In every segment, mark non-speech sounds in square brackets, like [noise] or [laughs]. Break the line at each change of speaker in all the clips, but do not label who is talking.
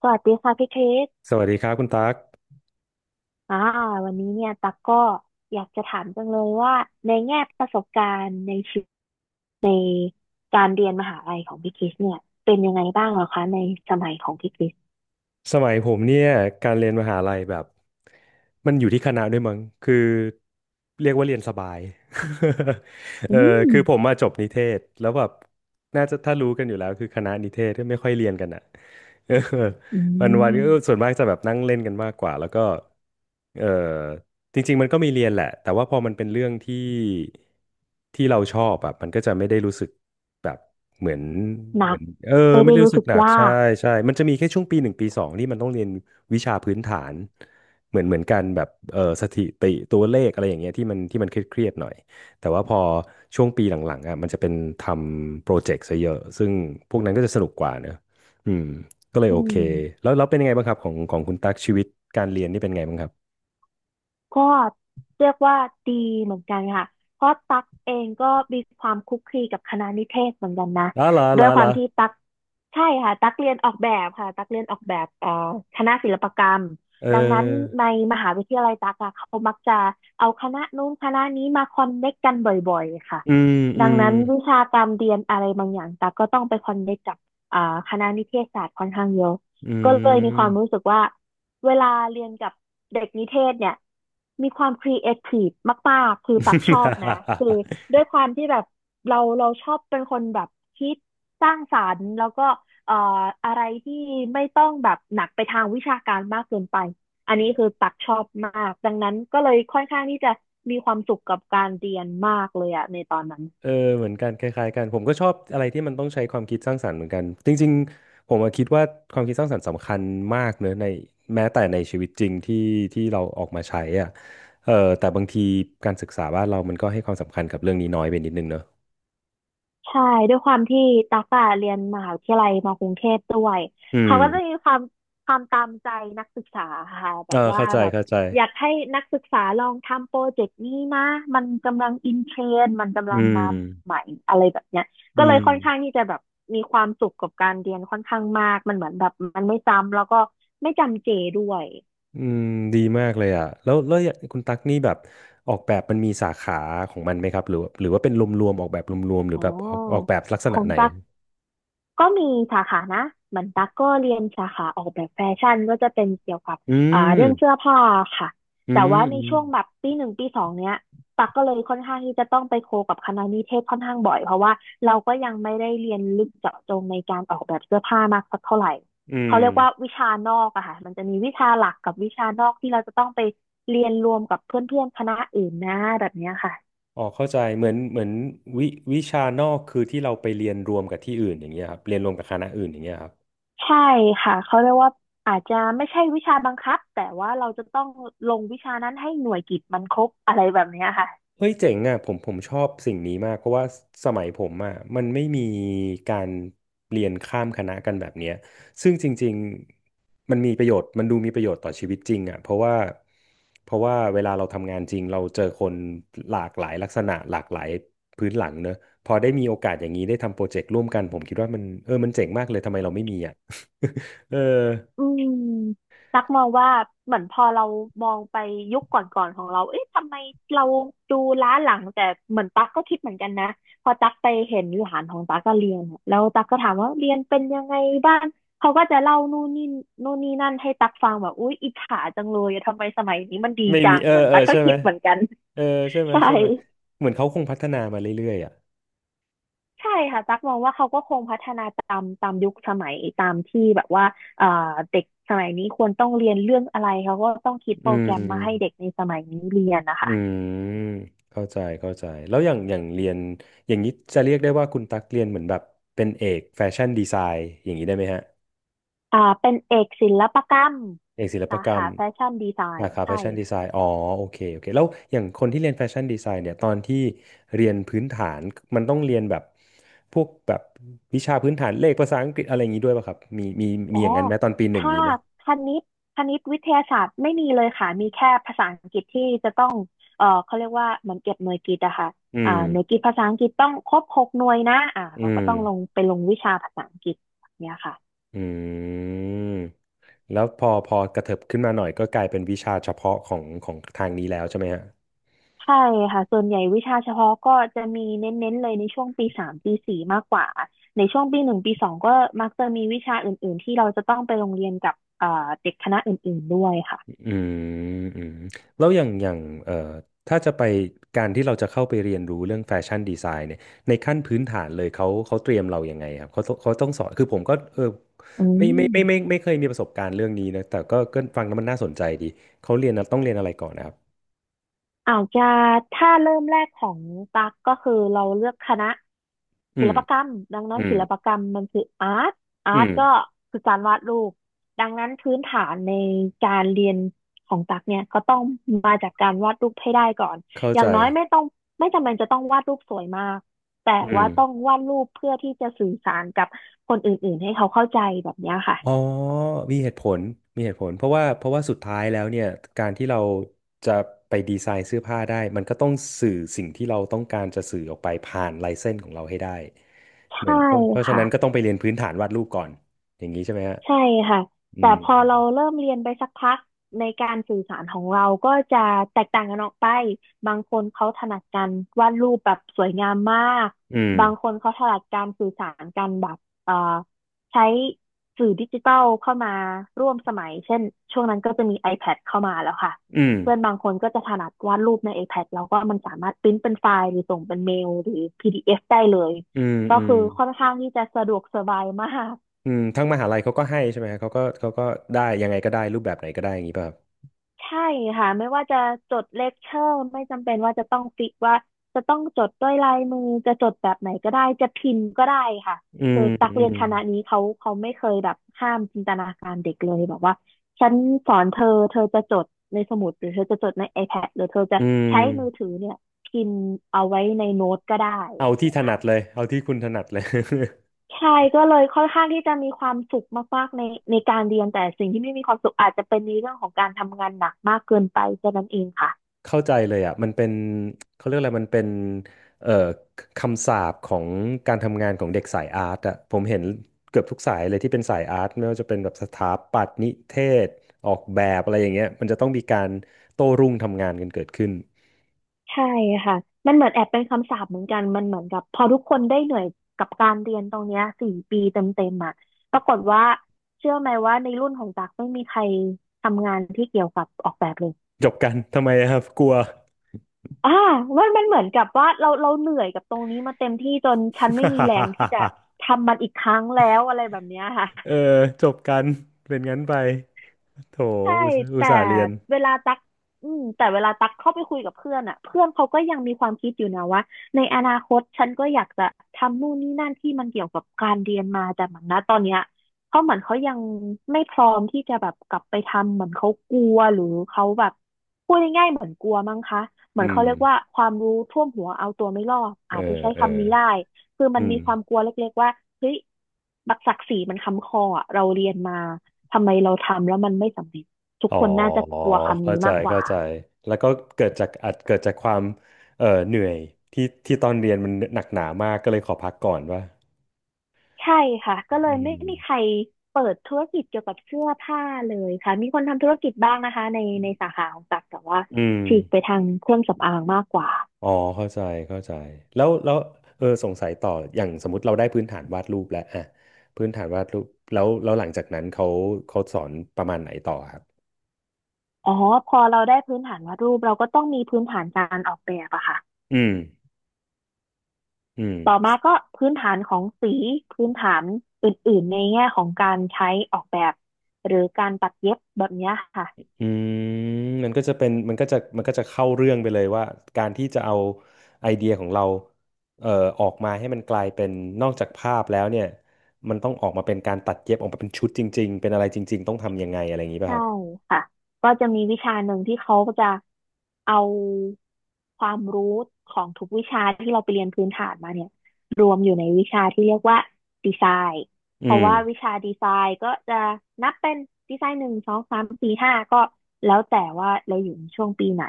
สวัสดีค่ะพี่คริส
สวัสดีครับคุณตั๊ก
อ่าวันนี้เนี่ยตักก็อยากจะถามจังเลยว่าในแง่ประสบการณ์ในชีวิตในการเรียนมหาลัยของพี่คริสเนี่ยเป็นยังไงบ้างเหรอคะในสมัยของพี่คริส
สมัยผมเนี่ยการเรียนมหาลัยแบบมันอยู่ที่คณะด้วยมั้งคือเรียกว่าเรียนสบาย [laughs] เอ
อื
อ
ม
คือผมมาจบนิเทศแล้วแบบน่าจะถ้ารู้กันอยู่แล้วคือคณะนิเทศที่ไม่ค่อยเรียนกันอ่ะ เออ
อื
[laughs] วัน
ม
ก็ส่วนมากจะแบบนั่งเล่นกันมากกว่าแล้วก็เออจริงๆมันก็มีเรียนแหละแต่ว่าพอมันเป็นเรื่องที่ที่เราชอบแบบมันก็จะไม่ได้รู้สึกแบบเหมือน
ห
เห
นั
มือ
ก
น
ไม่
ไม่
ได้
ได้
รู้
รู้สึ
สึ
ก
ก
หนัก
ยา
ใช่
ก
ใช่มันจะมีแค่ช่วงปีหนึ่งปีสองที่มันต้องเรียนวิชาพื้นฐานเหมือนกันแบบสถิติตัวเลขอะไรอย่างเงี้ยที่มันเครียดๆหน่อยแต่ว่าพอช่วงปีหลังๆอ่ะมันจะเป็นทำโปรเจกต์ซะเยอะซึ่งพวกนั้นก็จะสนุกกว่าเนอะอืม ก็เลย
อื
โอเค
ม
แล้วแล้วเป็นยังไงบ้างครับของของคุณตั๊กชีวิตการเรียนนี่เป็นไงบ้างครับ
ก็เรียกว่าดีเหมือนกันค่ะเพราะตักเองก็มีความคลุกคลีกับคณะนิเทศเหมือนกันนะ
ล้าล้า
ด้ว
ล้า
ยควา
ล้า
มที่ตักใช่ค่ะตักเรียนออกแบบค่ะตักเรียนออกแบบคณะศิลปกรรม
เ
ดังนั้น
ออ
ในมหาวิทยาลัยตักอะเขามักจะเอาคณะนู้นคณะนี้มาคอนเนคกันบ่อยๆค่ะ
อืมอื
ดัง
ม
นั้นวิชาการเรียนอะไรบางอย่างตักก็ต้องไปคอนเนคกับอ่าคณะนิเทศศาสตร์ค่อนข้างเยอะ
อื
ก็เลยมีค
ม
วามรู้สึกว่า เวลาเรียนกับเด็กนิเทศเนี่ยมีความครีเอทีฟมากๆคือปักชอบ
[laughs]
นะคือด้วยความที่แบบเราชอบเป็นคนแบบคิดสร้างสรรค์แล้วก็เอ่ออะไรที่ไม่ต้องแบบหนักไปทางวิชาการมากเกินไปอันนี้คือปักชอบมากดังนั้นก็เลยค่อนข้างที่จะมีความสุขกับการเรียนมากเลยอะในตอนนั้น
เออเหมือนกันคล้ายๆกันผมก็ชอบอะไรที่มันต้องใช้ความคิดสร้างสรรค์เหมือนกันจริงๆผมอะคิดว่าความคิดสร้างสรรค์สำคัญมากเนอะในแม้แต่ในชีวิตจริงที่ที่เราออกมาใช้อ่ะเออแต่บางทีการศึกษาบ้านเรามันก็ให้ความสำคัญกับเรื่องนี้น้อยไปนิดนึงเนอะ
ใช่ด้วยความที่ตั๊กอะเรียนมหาวิทยาลัยมากรุงเทพด้วย
อืม
เขาก็จะมีความตามใจนักศึกษาค่ะแบ
เอ
บ
อ
ว่า
เข้าใจ
แบบ
เข้าใจ
อยากให้นักศึกษาลองทำโปรเจกต์นี้นะมันกำลังอินเทรนด์มันกำ
อื
ลังมา
ม
ใหม่อะไรแบบเนี้ยก็
อื
เลย
ม
ค่อนข้างที่จะแบบมีความสุขกับการเรียนค่อนข้างมากมันเหมือนแบบมันไม่จำแล้วก็ไม่จำเจด้วย
อืมดีมากเลยอ่ะแล้วแล้วอย่างคุณตั๊กนี่แบบออกแบบมันมีสาขาของมันไหมครับหรือว่าหรือว่าเป็นรวมๆออกแบบรวมๆหรือ
อ๋อ
แบบออกแบบลักษ
ข
ณะ
อง
ไหน
ตั๊ก ก็มีสาขานะเหมือนตั๊กก็เรียนสาขาออกแบบแฟชั่นก็จะเป็นเกี่ยวกับ
อื
เรื่อง
ม
เสื้อผ้าค่ะ
อื
แต่
ม
ว่าใน
อืม
ช่วงแบบปีหนึ่งปีสองเนี้ยตั๊กก็เลยค่อนข้างที่จะต้องไปโคกับคณะนิเทศค่อนข้างบ่อยเพราะว่าเราก็ยังไม่ได้เรียนลึกเจาะจงในการออกแบบเสื้อผ้ามากสักเท่าไหร่
อื
เขา
ม
เรียกว่าวิชานอกอะค่ะมันจะมีวิชาหลักกับวิชานอกที่เราจะต้องไปเรียนรวมกับเพื่อนๆคณะอื่นนะแบบเนี้ยค่ะ
อ๋อเข้าใจเหมือนวิวิชานอกคือที่เราไปเรียนรวมกับที่อื่นอย่างเงี้ยครับเรียนรวมกับคณะอื่นอย่างเงี้ยครับ
ใช่ค่ะเขาเรียกว่าอาจจะไม่ใช่วิชาบังคับแต่ว่าเราจะต้องลงวิชานั้นให้หน่วยกิตมันครบอะไรแบบเนี้ยค่ะ
เฮ้ยเจ๋งอ่ะผมชอบสิ่งนี้มากเพราะว่าสมัยผมอ่ะมันไม่มีการเรียนข้ามคณะกันแบบเนี้ยซึ่งจริงๆมันมีประโยชน์มันดูมีประโยชน์ต่อชีวิตจริงอ่ะเพราะว่าเวลาเราทำงานจริงเราเจอคนหลากหลายลักษณะหลากหลายพื้นหลังเนอะพอได้มีโอกาสอย่างนี้ได้ทำโปรเจกต์ร่วมกันผมคิดว่ามันมันเจ๋งมากเลยทำไมเราไม่มีอ่ะ [laughs] เออ
อืมตักมองว่าเหมือนพอเรามองไปยุคก่อนๆของเราเอ๊ะทำไมเราดูล้าหลังแต่เหมือนตักก็คิดเหมือนกันนะพอตักไปเห็นหลานของตักก็เรียนอะแล้วตักก็ถามว่าเรียนเป็นยังไงบ้างเขาก็จะเล่านู่นนี่นู่นนี่นั่นให้ตักฟังแบบอุ๊ยอิจฉาจังเลยทำไมสมัยนี้มันดี
ไม่
จั
มี
ง
เออ
เหมือน
เออ
ตักก็
ใช่ไห
คิ
ม
ดเหมือนกัน
เออใช่ไหม
ใช่
ใช่ไหมเหมือนเขาคงพัฒนามาเรื่อยๆอ่ะ
ใช่ค่ะตั๊กมองว่าเขาก็คงพัฒนาตามยุคสมัยตามที่แบบว่าเอ่อเด็กสมัยนี้ควรต้องเรียนเรื่องอะไรเขาก็ต้องคิดโป
อื
รแก
ม
รมมาให้เด็กในสมัยนี้เรียนนะ
อื
คะ
มเข้าใจเข้าใจแล้วอย่างอย่างเรียนอย่างนี้จะเรียกได้ว่าคุณตักเรียนเหมือนแบบเป็นเอกแฟชั่นดีไซน์อย่างนี้ได้ไหมฮะ
อ่าเป็นเอกศิลปกรรม
เอกศิลป
สา
กรร
ขา
ม
แฟชั่นดีไซ
สา
น์
ขาแฟ
ใช่
ชั่นดีไซ
ค่ะ
น์อ๋อโอเคโอเคแล้วอย่างคนที่เรียนแฟชั่นดีไซน์เนี่ยตอนที่เรียนพื้นฐานมันต้องเรียนแบบพวกแบบวิชาพื้นฐานเลขภาษาอังกฤษอะไรอย่างนี้ด้วยป่ะครับมีมี
อ๋
มี
อ
อย่างนั้นไหมตอนปีหนึ่ง
ถ้า
มีไหม
คณิตคณิตวิทยาศาสตร์ไม่มีเลยค่ะมีแค่ภาษาอังกฤษที่จะต้องเขาเรียกว่าเหมือนเก็บหน่วยกิตอะค่ะ
อื
อ่า
ม
หน่วยกิตภาษาอังกฤษต้องครบ6หน่วยนะอ่า
อื
เราก็
ม
ต้องลงไปลงวิชาภาษาอังกฤษแบบเนี้ยค่ะ
อืมแล้วพอกระเถิบขึ้นมาหน่อยก็กลายเป็นวิชาเฉพาะของของทางนี้แล้วใช่ไหมฮะ
ใช่ค่ะส่วนใหญ่วิชาเฉพาะก็จะมีเน้นๆเลยในช่วงปีสามปีสี่มากกว่า ในช่วงปีหนึ่งปีสองก็มักจะมีวิชาอื่นๆที่เราจะต้องไปโรงเรียนกับเด็กคณะอื่นๆด้วยค่ะ
อืมอืมแล้วอย่างอย่างเอ่อถ้าจะไปการที่เราจะเข้าไปเรียนรู้เรื่องแฟชั่นดีไซน์เนี่ยในขั้นพื้นฐานเลยเขาเตรียมเรายังไงครับเขาต้องสอนคือผมก็
อื
ไม่ไม่ไม่ไม่
ม
ไม่ไม่เคยมีประสบการณ์เรื่องนี้นะแต่ก็ก็ฟังแล้วมันน่าสนใจดีเขาเรียนนะต้องเรียนอะไรก่อนนะครับ
อาจจะถ้าเริ่มแรกของตักก็คือเราเลือกคณะ
อื
ศิล
ม
ปกรรมดังนั้
อื
น
ม
ศิลปกรรมมันคืออาร์ตอา
อื
ร์ต
ม
ก็คือการวาดรูปดังนั้นพื้นฐานในการเรียนของตักเนี่ยก็ต้องมาจากการวาดรูปให้ได้ก่อน
เข้า
อ
ใจ
ย่างน้อยไม่ต้องไม่จำเป็นจะต้องวาดรูปสวยมากแต่
อื
ว่า
ม
ต้องวาดรูปเพื่อที่จะสื่อสารกับคนอื่นๆให้เขาเข้าใจแบบเนี้ยค่ะ
อ๋อมีเหตุผลมีเหตุผลเพราะว่าเพราะว่าสุดท้ายแล้วเนี่ย การที่เราจะไปดีไซน์เสื้อผ้าได้มันก็ต้องสื่อสิ่งที่เราต้องการจะสื่อออกไปผ่านลายเส้นของเราให้ได้เหมือ
ใช่
นเพราะเพราะฉะ
ค่ะ
นั้นก็ต้องไปเรียนพื้นฐานวาดรูปก่อนอย่างนี้ใช่ไหมฮะ
ใช่ค่ะ
อื
แต่
ม
พอเราเริ่มเรียนไปสักพักในการสื่อสารของเราก็จะแตกต่างกันออกไปบางคนเขาถนัดการวาดรูปแบบสวยงามมาก
อืม
บางคนเขาถนัดการสื่อสารกันแบบเอ่อใช้สื่อดิจิทัลเข้ามาร่วมสมัยเช่นช่วงนั้นก็จะมี iPad เข้ามาแล้วค่ะ
อืม
เพื่อนบางคนก็จะถนัดวาดรูปใน iPad แล้วก็มันสามารถพิมพ์เป็นไฟล์หรือส่งเป็นเมลหรือพีดีเอฟได้เลย
อืม
ก็
อื
คื
ม
อค่อนข้างที่จะสะดวกสบายมาก
ทั้งมหาลัยเขาก็ให้ใช่ไหมฮะเขาก็ได้ยังไงก็ได้รูปแบบไหนก็ได้อย่างนี้ป่ะครับ
ใช่ค่ะไม่ว่าจะจดเลคเชอร์ไม่จำเป็นว่าจะต้องฟิกว่าจะต้องจดด้วยลายมือจะจดแบบไหนก็ได้จะพิมพ์ก็ได้ค่ะ
อื
คื
ม
อตัก
อื
เรียน
ม
คณะนี้เขาไม่เคยแบบห้ามจินตนาการเด็กเลยแบบว่าฉันสอนเธอเธอจะจดในสมุดหรือเธอจะจดใน iPad หรือเธอจะ
อืม
ใช้มือถือเนี่ยพิมพ์เอาไว้ในโน้ตก็ได้
เอา
แบบ
ที่
เนี้ย
ถนัด
ค่ะ
เลยเอาที่คุณถนัดเลย
ใช่ก็เลยค่อนข้างที่จะมีความสุขมากๆในการเรียนแต่สิ่งที่ไม่มีความสุขอาจจะเป็นในเรื่องของการทำงานหนักมากเกินไปแค่นั้นเองค่ะ
เข้าใจเลยอ่ะมันเป็นเขาเรียกอะไรมันเป็นเอ่อคำสาปของการทำงานของเด็กสายอาร์ตอ่ะผมเห็นเกือบทุกสายเลยที่เป็นสายอาร์ตไม่ว่าจะเป็นแบบสถาปัตย์นิเทศออกแบบอะไรอย่างเงี้ยมันจะต้องมีการโต้รุ่งทำงานกันเกิดขึ้น
ใช่ค่ะมันเหมือนแอบเป็นคำสาปเหมือนกันมันเหมือนกับพอทุกคนได้เหนื่อยกับการเรียนตรงเนี้ยสี่ปีเต็มๆอ่ะปรากฏว่าเชื่อไหมว่าในรุ่นของตักไม่มีใครทำงานที่เกี่ยวกับออกแบบเลย
จบกันทำไมอะครับกลัว
อ่ามันเหมือนกับว่าเราเหนื่อยกับตรงนี้มาเต็มที่จนฉันไม่มีแรงที่จะ
[laughs]
ทำมันอีกครั้งแล้วอะไรแบบเนี้ยค่ะ
เออจบกันเป็นงั้นไปโถ
ใช่
อุตส่าห์อุต
แต่
ส่าห์เรียน
เวลาตักแต่เวลาตักเข้าไปคุยกับเพื่อนอ่ะเพื่อนเขาก็ยังมีความคิดอยู่นะว่าในอนาคตฉันก็อยากจะทำนู่นนี่นั่นที่มันเกี่ยวกับการเรียนมาแต่เหมือนนะตอนเนี้ยเขาเหมือนเขายังไม่พร้อมที่จะแบบกลับไปทำเหมือนเขากลัวหรือเขาแบบพูดง่ายๆเหมือนกลัวมั้งคะเหมื
อื
อนเขา
ม
เรียกว่าความรู้ท่วมหัวเอาตัวไม่รอด
เอ
อา
อ
จจะใช้
เออ
คำนี้ได้คือมั
อื
น
ม
มีความกลัวเล็กๆว่าเฮ้ยบักศักดิ์ศรีมันค้ำคออะเราเรียนมาทำไมเราทำแล้วมันไม่สำเร็จ ทุก
อ๋อ
คนน่าจะกลัวคำ
เข้า
นี้
ใจ
มากกว่า
เข้าใจแล้วก็เกิดจากอาจเกิดจากความเหนื่อยที่ตอนเรียนมันหนักหนามากก็เลยขอพักก่อนว่า
ใช่ค่ะก็เล
อื
ยไม่
ม
มีใครเปิดธุรกิจเกี่ยวกับเสื้อผ้าเลยค่ะมีคนทำธุรกิจบ้างนะคะในสาขาของตักแต่ว่า
อืม
ฉีกไปทางเครื่องสำอางมากกว่า
อ๋อเข้าใจเข้าใจแล้วแล้วสงสัยต่ออย่างสมมติเราได้พื้นฐานวาดรูปแล้วอะพื้นฐานวาดรูปแล้วแล้วหลังจากนั้นเขาสอนประมาณไหนต่อครับ
อ๋อพอเราได้พื้นฐานวาดรูปเราก็ต้องมีพื้นฐานการออกแบบอะค่ะ
อืมอืม
ต่อมาก็พื้นฐานของสีพื้นฐานอื่นๆในแง่ของการใช้ออกแบบหรือการตัดเย็บแบบเนี้ยค่ะ
อืมมันก็จะเป็นมันก็จะมันก็จะเข้าเรื่องไปเลยว่าการที่จะเอาไอเดียของเราเอ่อออกมาให้มันกลายเป็นนอกจากภาพแล้วเนี่ยมันต้องออกมาเป็นการตัดเย็บออกมาเป็นชุดจริงๆเป็นอะไรจริงๆต้องทำยังไงอะไรอย่างนี้ป่ะ
ใช่
ครับ
ค่ะ ก็จะมีวิชาหนึ่งที่เขาก็จะเอาความรู้ของทุกวิชาที่เราไปเรียนพื้นฐานมาเนี่ยอยู่ในวิชาที่เรียกว่าดีไซน์
อื
เพราะ
ม
ว่าวิชาดีไซน์ก็จะนับเป็นดีไซน์หนึ่งสองสามสี่ห้าก็แล้วแต่ว่าเราอยู่ในช่วงปีไหน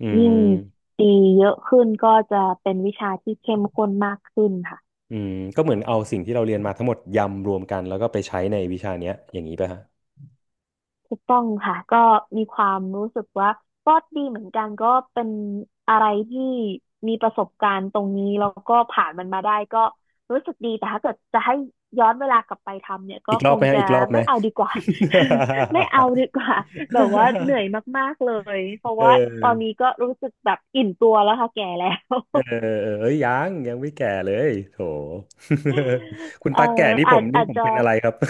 อื
ยิ่ง
ม
ปีเยอะขึ้นก็จะเป็นวิชาที่เข้มข้นมากขึ้นค่ะ
อืมก็เหมือนเอาสิ่งที่เราเรียนมาทั้งหมดยำรวมกันแล้วก็ไปใช้ในวิชาเนี้ยอย่างนี้ป่ะฮะ
ถูกต้องค่ะก็มีความรู้สึกว่าก็ดีเหมือนกันก็เป็นอะไรที่มีประสบการณ์ตรงนี้แล้วก็ผ่านมันมาได้ก็รู้สึกดีแต่ถ้าเกิดจะให้ย้อนเวลากลับไปทำเนี่ยก็
อีกร
ค
อบ
ง
ไหมฮะ
จะ
อีกรอบไหม
ไม่เอาดีกว่า [laughs] ไม่เอาดีกว่าแบบว่าเหนื่อยมากๆเลยเพ
[laughs]
ราะ
เ
ว่าตอน
ออ
นี้ก็รู้สึกแบบอิ่มตัวแล้วค่ะแก่แล้ว
เอ้ยยังยังไม่แก่เลยโถ [laughs] คุณ
[laughs] เอ่อ
ตัแก่นี่ผ
อา
ม
จ
นี่
อาจ
ผม
จะ
เป็นอะไรครับ [laughs]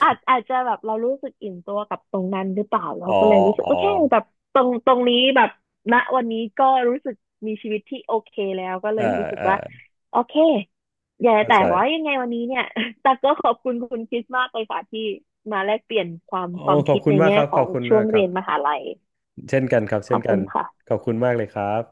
อาจจะแบบเรารู้สึกอิ่มตัวกับตรงนั้นหรือเปล่าเรา
อ๋อ
ก็เลยรู้สึก
อ๋อ
โอเคแบบตรงนี้แบบณวันนี้ก็รู้สึกมีชีวิตที่โอเคแล้วก็เล
เออ
ยรู้สึก
เออ
ว่าโอเคอย่า
เข้า
แต่
ใจ
ว่ายังไงวันนี้เนี่ย [laughs] ตักก็ขอบคุณคุณคริสมากเลยค่ะที่มาแลกเปลี่ยนความ
โอ้
ความ
ขอ
คิ
บ
ด
คุ
ใน
ณมาก
แง่
ครับ
ขอ
ขอบ
ง
คุณ
ช่ว
มาก
ง
ครั
เรี
บ
ยนมหาลัย
เช่นกันครับ
ข
เช่
อ
น
บ
กั
คุ
น
ณค่ะ
ขอบคุณมากเลยครับ